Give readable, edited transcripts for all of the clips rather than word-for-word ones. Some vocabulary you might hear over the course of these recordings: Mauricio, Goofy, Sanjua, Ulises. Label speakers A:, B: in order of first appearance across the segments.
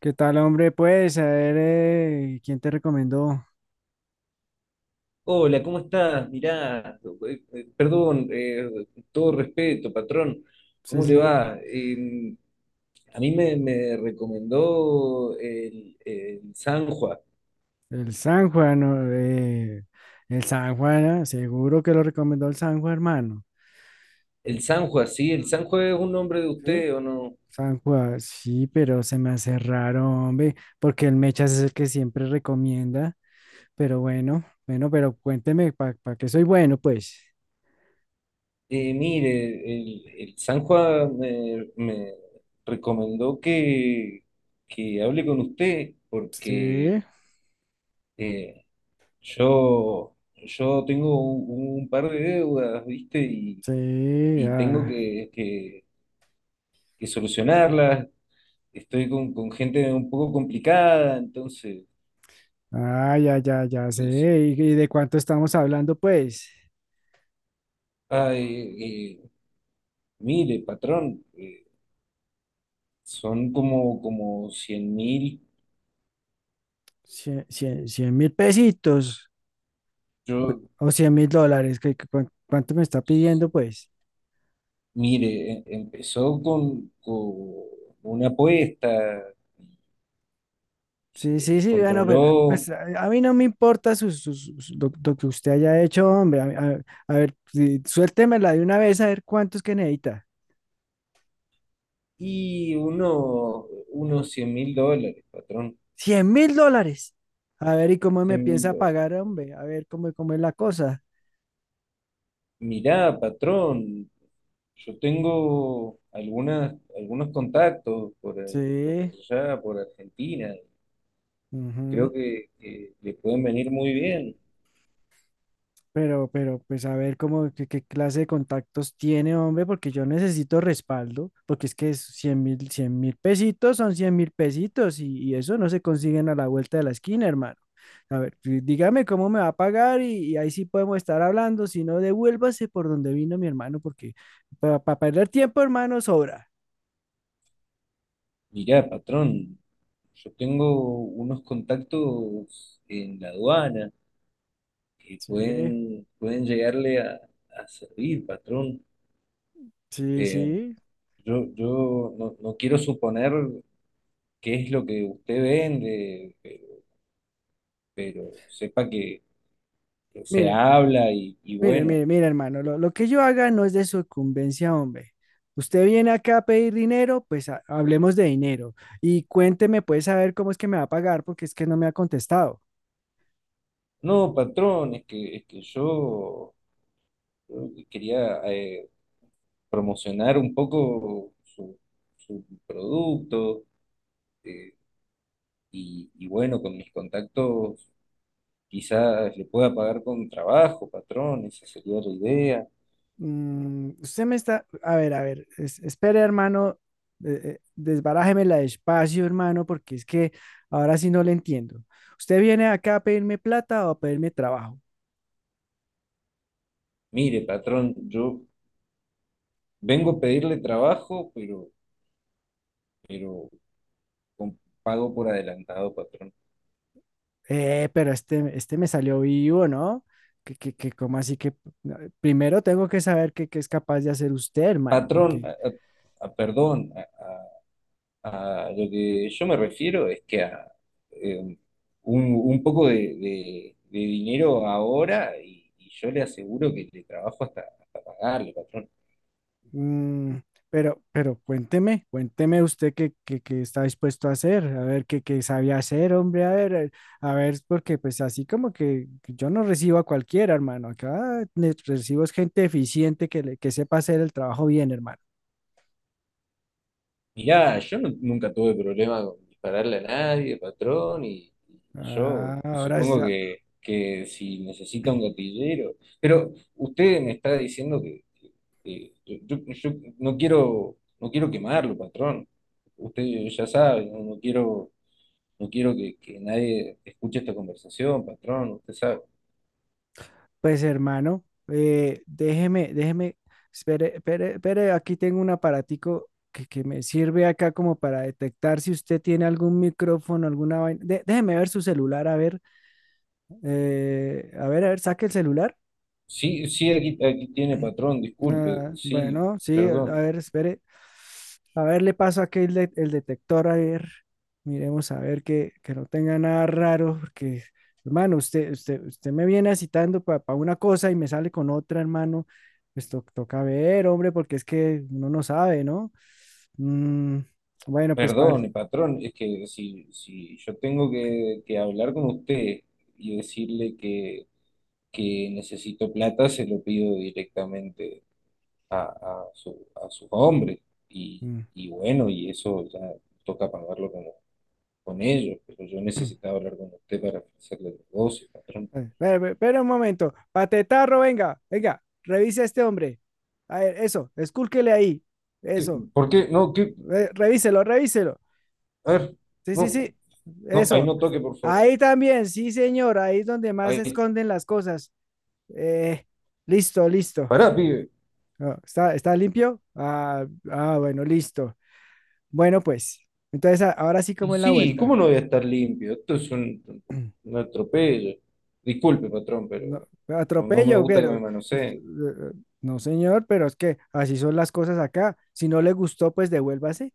A: ¿Qué tal, hombre? Pues, a ver, ¿quién te recomendó?
B: Hola, ¿cómo estás? Mirá, perdón, todo respeto, patrón,
A: Sí,
B: ¿cómo le
A: sí,
B: va? A mí me recomendó el Sanjua.
A: el San Juan, ¿no? El San Juan, ah, seguro que lo recomendó el San Juan, hermano.
B: El Sanjua, sí, el
A: Mm.
B: Sanjua es un nombre de
A: Sí,
B: usted, ¿o no?
A: San Juan, sí, pero se me hace raro, hombre, porque el Mechas es el que siempre recomienda. Pero bueno, bueno, pero cuénteme, ¿para qué soy bueno, pues?
B: Mire, el Sanjua me recomendó que hable con usted porque
A: Sí,
B: eh, yo tengo un par de deudas, ¿viste? y
A: sí,
B: y tengo
A: ah,
B: que solucionarlas. Estoy con gente un poco complicada, entonces,
A: ah, ya, ya, ya sé.
B: es,
A: ¿Y de cuánto estamos hablando, pues?
B: ay, mire, patrón, son como 100.000.
A: Cien mil pesitos
B: Yo,
A: o, o 100 mil dólares, que, ¿cuánto me está pidiendo, pues?
B: mire, empezó con una apuesta,
A: Sí,
B: se
A: sí, sí, bueno, pero pues
B: controló
A: a mí no me importa lo que usted haya hecho, hombre. A ver, sí, suéltemela de una vez a ver cuántos que necesita.
B: y unos $100.000, patrón,
A: 100 mil dólares. A ver, ¿y cómo me
B: 100.000.
A: piensa pagar, hombre? A ver, cómo es la cosa.
B: Mirá, patrón, yo tengo algunos contactos por
A: Sí.
B: allá, por Argentina.
A: Ujú.
B: Creo que le pueden venir muy bien.
A: Pues a ver cómo, qué clase de contactos tiene, hombre, porque yo necesito respaldo, porque es que es 100 mil pesitos son 100 mil pesitos y eso no se consiguen a la vuelta de la esquina, hermano. A ver, dígame cómo me va a pagar y ahí sí podemos estar hablando, si no, devuélvase por donde vino mi hermano, porque para perder tiempo, hermano, sobra.
B: Mirá, patrón, yo tengo unos contactos en la aduana que
A: Sí,
B: pueden llegarle a servir, patrón.
A: sí,
B: Eh,
A: sí.
B: yo no quiero suponer qué es lo que usted vende, pero sepa que se
A: Mire,
B: habla y bueno.
A: Mire, hermano, lo que yo haga no es de sucumbencia, hombre. Usted viene acá a pedir dinero, pues hablemos de dinero. Y cuénteme, pues, saber cómo es que me va a pagar, porque es que no me ha contestado.
B: No, patrón, es que yo quería promocionar un poco su producto, eh, y bueno, con mis contactos quizás le pueda pagar con trabajo, patrón, esa sería la idea.
A: Mm, usted me está, a ver, espere, hermano, desbarájemela despacio, hermano, porque es que ahora sí no le entiendo. ¿Usted viene acá a pedirme plata o a pedirme trabajo?
B: Mire, patrón, yo vengo a pedirle trabajo, pero con pago por adelantado, patrón.
A: Pero este me salió vivo, ¿no? Que, cómo así que primero tengo que saber qué es capaz de hacer usted, hermano,
B: Patrón,
A: porque,
B: perdón, a lo que yo me refiero es que a eh, un poco de dinero ahora, y yo le aseguro que le trabajo hasta pagarle, patrón.
A: mm, pero cuénteme, cuénteme usted qué, qué está dispuesto a hacer, a ver qué, qué sabía hacer, hombre, a ver, porque pues así como que yo no recibo a cualquiera, hermano, acá recibo es gente eficiente que sepa hacer el trabajo bien, hermano.
B: Mirá, yo nunca tuve problema con dispararle a nadie, patrón, y yo
A: Ah, ahora, sí,
B: supongo que si necesita
A: ah,
B: un gatillero, pero usted me está diciendo que yo no quiero quemarlo, patrón. Usted ya sabe. No quiero que nadie escuche esta conversación, patrón, usted sabe.
A: pues hermano, déjeme, espere, aquí tengo un aparatico que me sirve acá como para detectar si usted tiene algún micrófono, alguna vaina. Déjeme ver su celular, a ver, a ver, saque el celular.
B: Sí, sí, aquí tiene, patrón, disculpe,
A: Ah,
B: sí,
A: bueno, sí, a
B: perdón,
A: ver, espere. A ver, le paso aquí el detector, a ver. Miremos a ver que no tenga nada raro, porque, hermano, usted me viene citando para una cosa y me sale con otra, hermano. Pues toca ver, hombre, porque es que uno no sabe, ¿no? Mm, bueno, pues, par.
B: perdone, patrón, es que si yo tengo que hablar con usted y decirle que necesito plata, se lo pido directamente a sus hombres. Y,
A: Mm.
B: y bueno, y eso ya toca pagarlo con ellos, pero yo necesitaba hablar con usted para hacerle el negocio, patrón.
A: Espera un momento. Patetarro, venga, revisa a este hombre. A ver, eso, escúlquele ahí. Eso.
B: ¿Por qué? No,
A: Revíselo, revíselo.
B: a ver,
A: Sí, sí,
B: no,
A: sí.
B: no, ahí
A: Eso.
B: no toque, por favor.
A: Ahí también, sí, señor. Ahí es donde más se
B: Ahí,
A: esconden las cosas. Eh, listo, listo.
B: pará, pibe.
A: Ah, ¿está, está limpio? Ah, ah, bueno, listo. Bueno, pues. Entonces, ahora sí,
B: Y
A: ¿cómo es la
B: sí, ¿cómo
A: vuelta?
B: no voy a estar limpio? Esto es un, un atropello. Disculpe, patrón, pero
A: No,
B: no me
A: atropello,
B: gusta que
A: pero.
B: me
A: Pues,
B: manoseen.
A: no, señor, pero es que así son las cosas acá. Si no le gustó, pues devuélvase.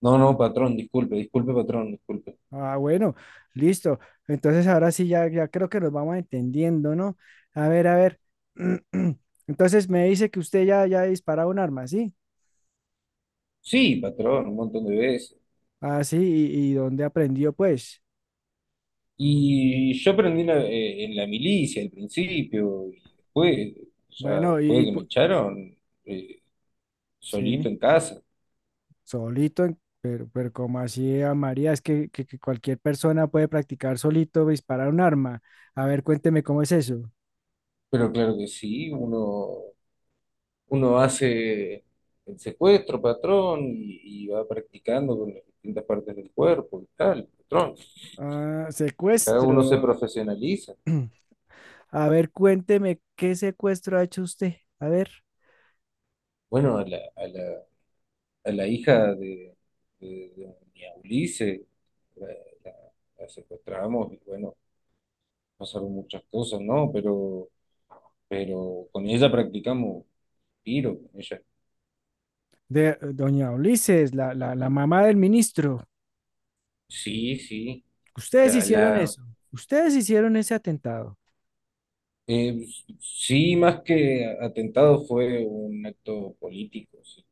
B: No, no, patrón, disculpe, disculpe, patrón, disculpe.
A: Ah, bueno, listo. Entonces ahora sí ya, ya creo que nos vamos entendiendo, ¿no? A ver, a ver. Entonces me dice que usted ya, ya ha disparado un arma, ¿sí?
B: Sí, patrón, un montón de veces.
A: Ah, sí, y dónde aprendió, pues?
B: Y yo aprendí en la milicia al principio, y después, ya
A: Bueno,
B: después de que me echaron, eh,
A: sí,
B: solito en casa.
A: solito, pero como así, a María, es que, que cualquier persona puede practicar solito disparar un arma. A ver, cuénteme cómo es eso.
B: Pero claro que sí, uno hace el secuestro, patrón, y va practicando con las distintas partes del cuerpo y tal, patrón.
A: Ah,
B: Cada uno se
A: secuestro.
B: profesionaliza.
A: A ver, cuénteme qué secuestro ha hecho usted. A ver.
B: Bueno, a la hija de, de mi Ulises la, la- la secuestramos y bueno, pasaron muchas cosas, ¿no? Pero con ella practicamos tiro, con ella.
A: De doña Ulises, la mamá del ministro.
B: Sí, sí.
A: Ustedes
B: La,
A: hicieron
B: la,
A: eso, ustedes hicieron ese atentado.
B: eh, sí, más que atentado fue un acto político, sí.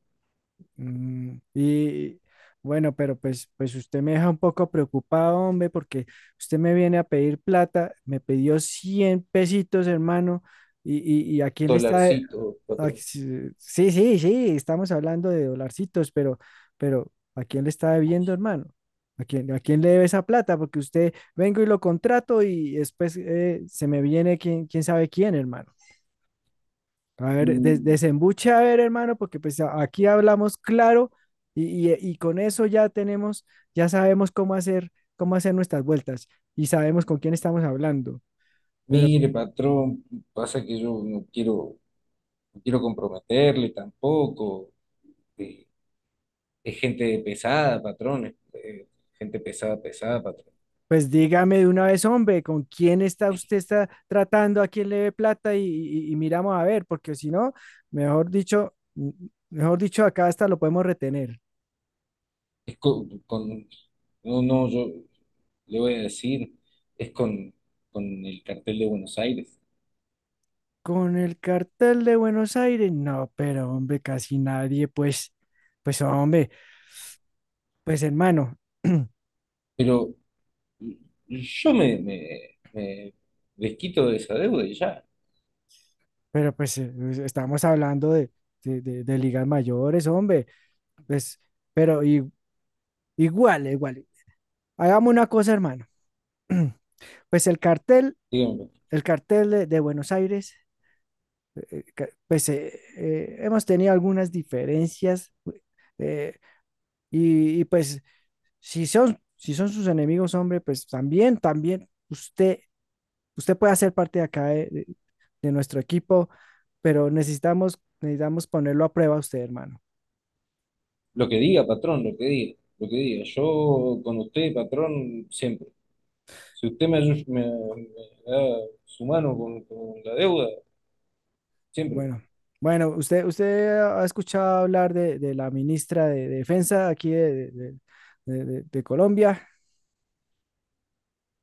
A: Mm, y bueno, pero pues, pues usted me deja un poco preocupado, hombre, porque usted me viene a pedir plata, me pidió 100 pesitos, hermano, y, y a quién le está.
B: Dolarcito,
A: Ay,
B: patrón.
A: sí, sí, sí, sí, estamos hablando de dolarcitos, pero ¿a quién le está debiendo, hermano? A quién le debe esa plata? Porque usted vengo y lo contrato y después se me viene quién, quién sabe quién, hermano. A ver,
B: Mm,
A: desembuche, a ver, hermano, porque pues aquí hablamos claro y, y con eso ya tenemos, ya sabemos cómo hacer nuestras vueltas y sabemos con quién estamos hablando.
B: Mire, patrón, pasa que yo no quiero comprometerle tampoco. Eh, Es gente pesada, patrón. Gente pesada, pesada, patrón.
A: Pues dígame de una vez, hombre, ¿con quién está usted está tratando? ¿A quién le ve plata? Y, y miramos a ver, porque si no, mejor dicho, mm, mejor dicho, acá hasta lo podemos retener.
B: Es con, no, no, yo le voy a decir, es con el cartel de Buenos Aires.
A: Con el cartel de Buenos Aires, no, pero hombre, casi nadie, pues, pues hombre, pues hermano,
B: Pero yo me desquito de esa deuda y ya.
A: pero pues pues, estamos hablando de, de ligas mayores, hombre, pues, pero igual, igual. Hagamos una cosa, hermano. Pues el cartel,
B: Dígame.
A: el cartel de Buenos Aires, pues hemos tenido algunas diferencias, eh, y, pues si son, si son sus enemigos, hombre, pues también, también usted, usted puede hacer parte de acá de nuestro equipo, pero necesitamos, necesitamos ponerlo a prueba a usted, hermano.
B: Lo que diga, patrón, lo que diga, lo que diga. Yo con usted, patrón, siempre. Si usted me da su mano con la deuda, siempre.
A: Bueno, bueno, usted ha escuchado hablar de la ministra de Defensa aquí de, de Colombia.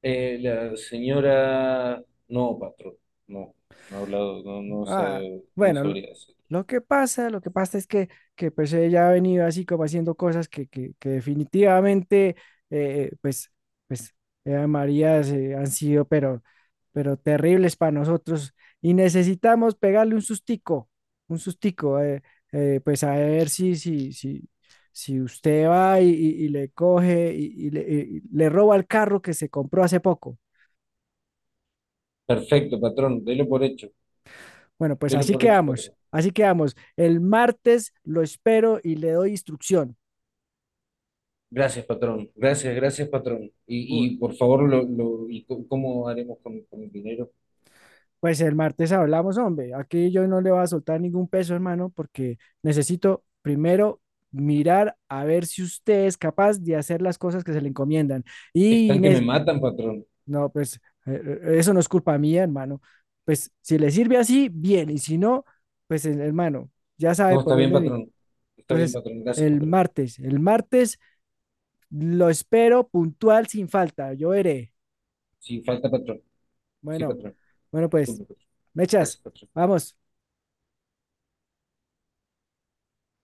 B: La señora, no, patrón, no, no ha hablado, no, no,
A: Ah,
B: no
A: bueno,
B: sabría decir.
A: lo que pasa es que pues ella ha venido así como haciendo cosas que, que definitivamente, pues, pues, Eva María han sido, pero terribles para nosotros y necesitamos pegarle un sustico, pues a ver si, si, si usted va y, y le coge y le roba el carro que se compró hace poco.
B: Perfecto, patrón,
A: Bueno, pues
B: delo
A: así
B: por hecho,
A: quedamos,
B: patrón.
A: así quedamos. El martes lo espero y le doy instrucción.
B: Gracias, patrón, gracias, gracias, patrón.
A: Bu-
B: Y por favor, ¿y cómo haremos con el dinero?
A: Pues el martes hablamos, hombre. Aquí yo no le voy a soltar ningún peso, hermano, porque necesito primero mirar a ver si usted es capaz de hacer las cosas que se le encomiendan. Y
B: Están que me
A: Inés,
B: matan, patrón.
A: no, pues eso no es culpa mía, hermano. Pues si le sirve así, bien. Y si no, pues hermano, ya sabe
B: No,
A: por
B: está bien,
A: dónde vino.
B: patrón. Está bien,
A: Entonces,
B: patrón. Gracias, patrón.
A: el martes lo espero puntual sin falta. Yo veré.
B: Sí falta, patrón. Sí,
A: Bueno,
B: patrón.
A: bueno, pues,
B: Disculpe, patrón. Gracias,
A: mechas,
B: patrón.
A: vamos.